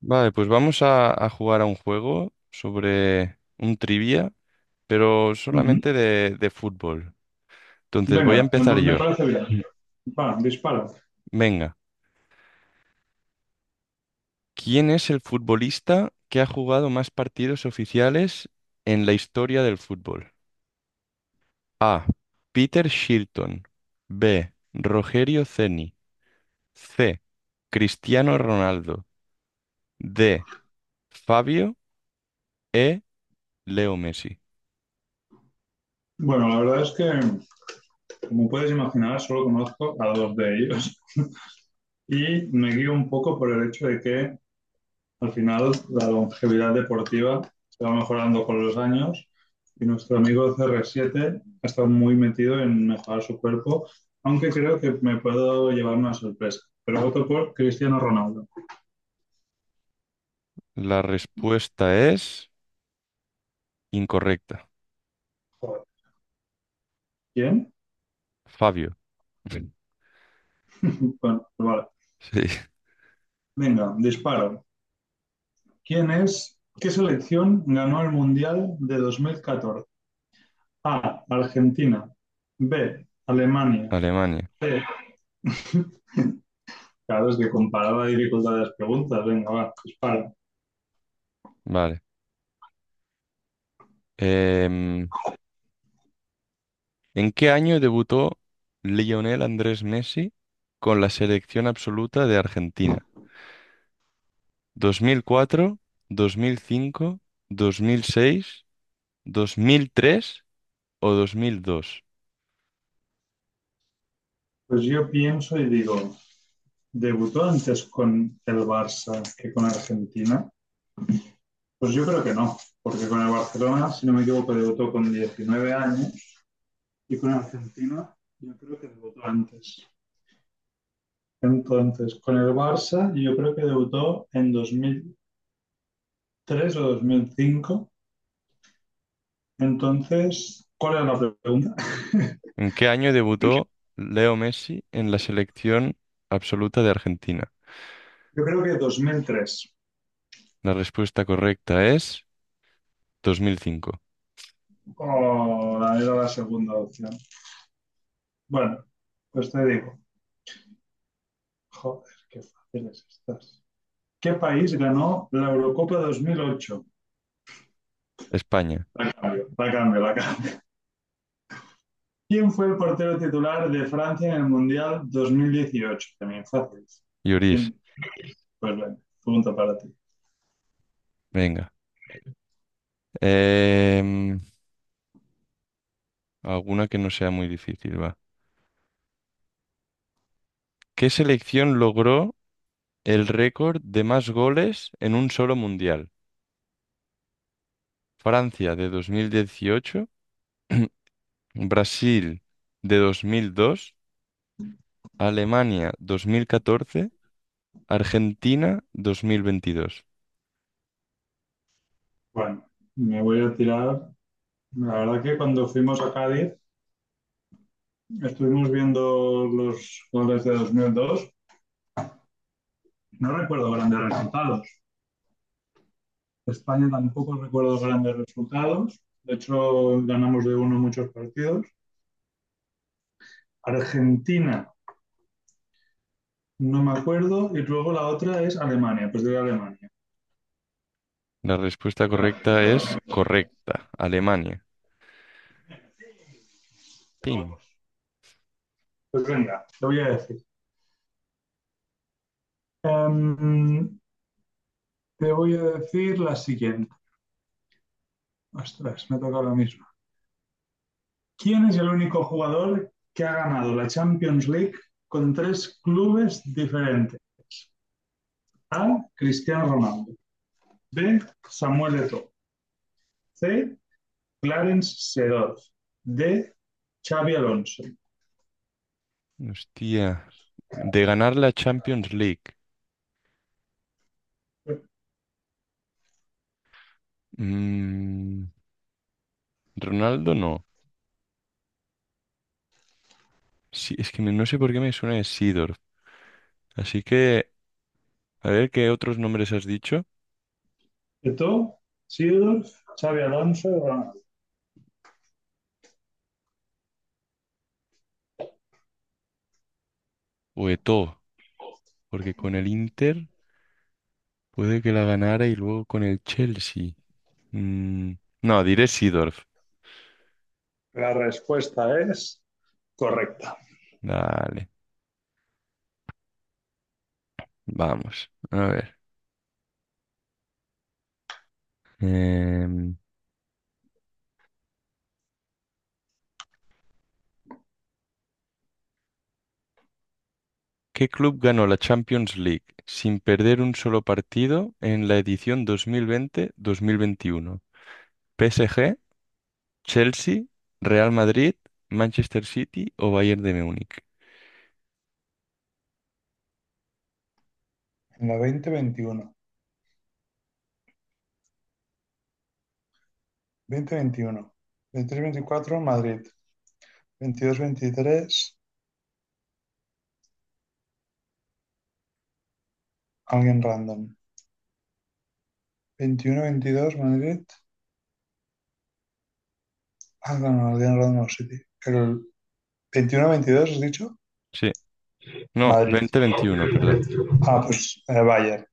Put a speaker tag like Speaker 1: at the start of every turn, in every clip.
Speaker 1: Vale, pues vamos a jugar a un juego sobre un trivia, pero
Speaker 2: Ujú.
Speaker 1: solamente de fútbol. Entonces voy a
Speaker 2: Venga, me,
Speaker 1: empezar
Speaker 2: me
Speaker 1: yo.
Speaker 2: parece bien.
Speaker 1: Mm.
Speaker 2: Va, dispara.
Speaker 1: Venga, ¿quién es el futbolista que ha jugado más partidos oficiales en la historia del fútbol? A. Peter Shilton. B. Rogerio Ceni. C. Cristiano Ronaldo. D. Fabio. E. Leo Messi.
Speaker 2: Bueno, la verdad es que, como puedes imaginar, solo conozco a dos de ellos y me guío un poco por el hecho de que al final la longevidad deportiva se va mejorando con los años y nuestro amigo CR7 ha estado muy metido en mejorar su cuerpo, aunque creo que me puedo llevar una sorpresa. Pero voto por Cristiano Ronaldo.
Speaker 1: La respuesta es incorrecta.
Speaker 2: Joder, ¿quién?
Speaker 1: Fabio.
Speaker 2: Bueno, pues vale.
Speaker 1: Sí.
Speaker 2: Venga, disparo. ¿Quién es? ¿Qué selección ganó el Mundial de 2014? A. Argentina. B. Alemania.
Speaker 1: Alemania.
Speaker 2: C. Claro, es que comparaba la dificultad de las preguntas. Venga, va, dispara.
Speaker 1: Vale. Em, ¿En qué año debutó Lionel Andrés Messi con la selección absoluta de Argentina? ¿2004, 2005, 2006, 2003 o 2002?
Speaker 2: Pues yo pienso y digo, ¿debutó antes con el Barça que con Argentina? Pues yo creo que no, porque con el Barcelona, si no me equivoco, debutó con 19 años y con Argentina yo creo que debutó antes. Entonces, con el Barça yo creo que debutó en 2003 o 2005. Entonces, ¿cuál era la pregunta?
Speaker 1: ¿En qué año debutó Leo Messi en la selección absoluta de Argentina?
Speaker 2: Yo creo que 2003.
Speaker 1: La respuesta correcta es 2005.
Speaker 2: O la era la segunda opción. Bueno, pues te digo, joder, qué fáciles estás. ¿Qué país ganó la Eurocopa 2008?
Speaker 1: España.
Speaker 2: La cambio, la cambio, la cambio. ¿Quién fue el portero titular de Francia en el Mundial 2018? También fácil.
Speaker 1: Lloris.
Speaker 2: Pues bueno, pregunta para ti.
Speaker 1: Venga. Em, Alguna que no sea muy difícil, va. ¿Qué selección logró el récord de más goles en un solo mundial? Francia de 2018, Brasil de 2002, Alemania 2014, Argentina 2022.
Speaker 2: Bueno, me voy a tirar. La verdad que cuando fuimos a Cádiz estuvimos viendo los goles de 2002. No recuerdo grandes resultados. España tampoco recuerdo grandes resultados. De hecho, ganamos de uno muchos partidos. Argentina, no me acuerdo. Y luego la otra es Alemania, pues de Alemania.
Speaker 1: La respuesta correcta es correcta, Alemania. Pim.
Speaker 2: Pues venga, te voy a decir. Em, Te voy a decir la siguiente. Ostras, me toca la misma. ¿Quién es el único jugador que ha ganado la Champions League con tres clubes diferentes? A. Cristiano Ronaldo. B. Samuel Eto'o. C. Clarence Seedorf. D. Xavi Alonso.
Speaker 1: Hostia. De ganar la Champions League. Mm, Ronaldo no. Sí, es que me- no sé por qué me suena de Sidorf. Así que, a ver qué otros nombres has dicho.
Speaker 2: Eto'o, Seedorf, Xavi Alonso, Ronaldo.
Speaker 1: O de todo, porque con el Inter puede que la ganara y luego con el Chelsea. Mm, no, diré Seedorf.
Speaker 2: La respuesta es correcta.
Speaker 1: Dale, vamos. A ver. Em, ¿Qué club ganó la Champions League sin perder un solo partido en la edición 2020-2021? ¿PSG, Chelsea, Real Madrid, Manchester City o Bayern de Múnich?
Speaker 2: En la veinte veintiuno, veinte veintiuno, veintitrés veinticuatro Madrid, veintidós veintitrés alguien random, veintiuno veintidós Madrid, ah, no, no, alguien random no, City. El veintiuno veintidós has dicho
Speaker 1: Sí, no,
Speaker 2: Madrid.
Speaker 1: 2021, perdón.
Speaker 2: Ah, pues vaya.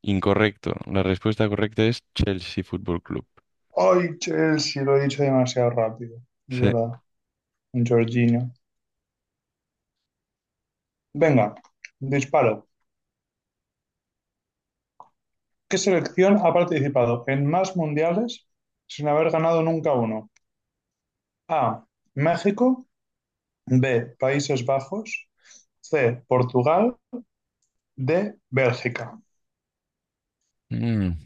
Speaker 1: Incorrecto. La respuesta correcta es Chelsea Fútbol Club.
Speaker 2: Ay, Chelsea, lo he dicho demasiado rápido. Es
Speaker 1: Sí.
Speaker 2: verdad, un Jorginho. Venga, disparo. ¿Qué selección ha participado en más mundiales sin haber ganado nunca uno? A. México. B. Países Bajos. C. Portugal. D. Bélgica.
Speaker 1: Mm,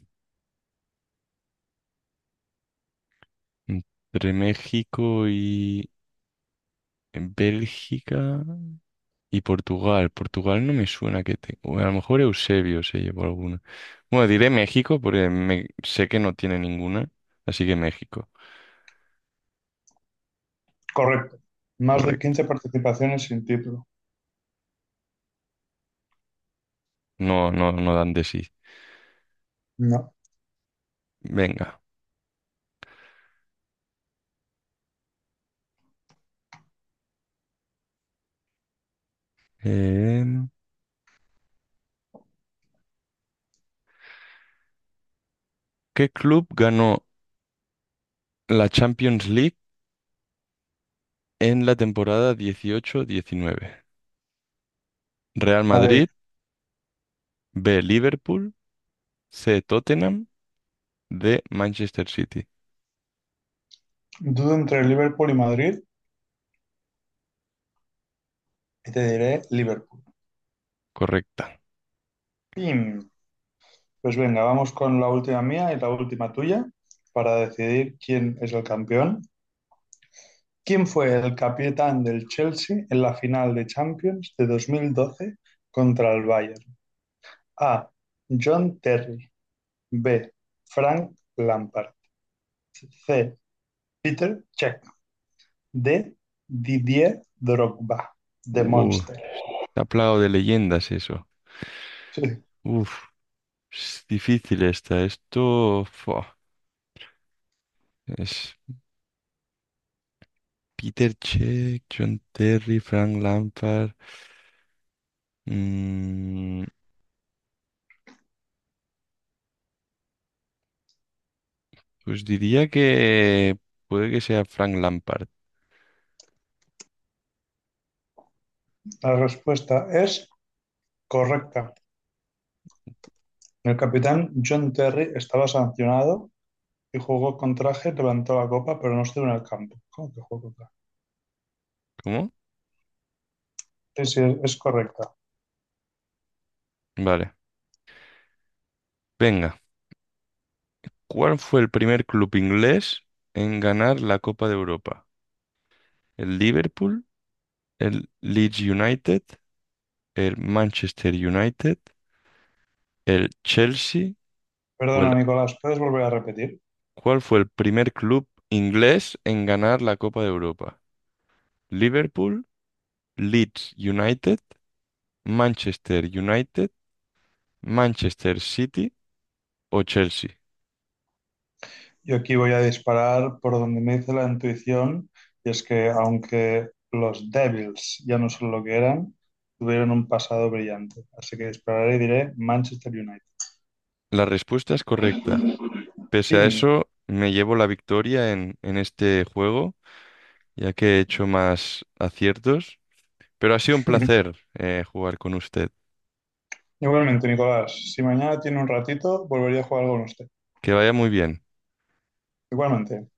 Speaker 1: entre México y Bélgica y Portugal. Portugal no me suena que te... o a lo mejor Eusebio se llevó alguna. Bueno, diré México porque me- sé que no tiene ninguna. Así que México,
Speaker 2: Correcto. Más de
Speaker 1: correcto.
Speaker 2: 15 participaciones sin título.
Speaker 1: No, no, no dan de sí.
Speaker 2: No.
Speaker 1: Venga. Em, ¿Qué club ganó la Champions League en la temporada 2018-2019? Real
Speaker 2: Madrid.
Speaker 1: Madrid, B. Liverpool, C. Tottenham, D. Manchester City.
Speaker 2: Dudo entre Liverpool y Madrid y te diré Liverpool.
Speaker 1: Correcta.
Speaker 2: Pim. Pues venga, vamos con la última mía y la última tuya para decidir quién es el campeón. ¿Quién fue el capitán del Chelsea en la final de Champions de 2012 contra el Bayern? A. John Terry. B. Frank Lampard. C. Peter Cech. D. Didier Drogba. The
Speaker 1: Uh,
Speaker 2: Monster.
Speaker 1: está plagado de leyendas eso.
Speaker 2: Sí,
Speaker 1: Uf, es difícil esta. Esto fua, es Peter Check, John Terry, Frank Lampard. Mm, pues diría que puede que sea Frank Lampard.
Speaker 2: la respuesta es correcta. El capitán John Terry estaba sancionado y jugó con traje, levantó la copa, pero no estuvo en el campo. ¿Cómo que jugó con traje?
Speaker 1: ¿Cómo?
Speaker 2: Sí, sí, es correcta.
Speaker 1: Vale. Venga. ¿Cuál fue el primer club inglés en ganar la Copa de Europa? ¿El Liverpool, el Leeds United, el Manchester United, el Chelsea o
Speaker 2: Perdona,
Speaker 1: el...
Speaker 2: Nicolás, ¿puedes volver a repetir?
Speaker 1: ¿Cuál fue el primer club inglés en ganar la Copa de Europa? ¿Liverpool, Leeds United, Manchester United, Manchester City o Chelsea?
Speaker 2: Yo aquí voy a disparar por donde me dice la intuición, y es que aunque los Devils ya no son lo que eran, tuvieron un pasado brillante. Así que dispararé y diré Manchester United.
Speaker 1: La respuesta es correcta. Pese a
Speaker 2: ¡Pim!
Speaker 1: eso, me llevo la victoria en este juego, ya que he hecho más aciertos. Pero ha sido un placer jugar con usted.
Speaker 2: Igualmente, Nicolás, si mañana tiene un ratito, volvería a jugar con usted.
Speaker 1: Que vaya muy bien.
Speaker 2: Igualmente.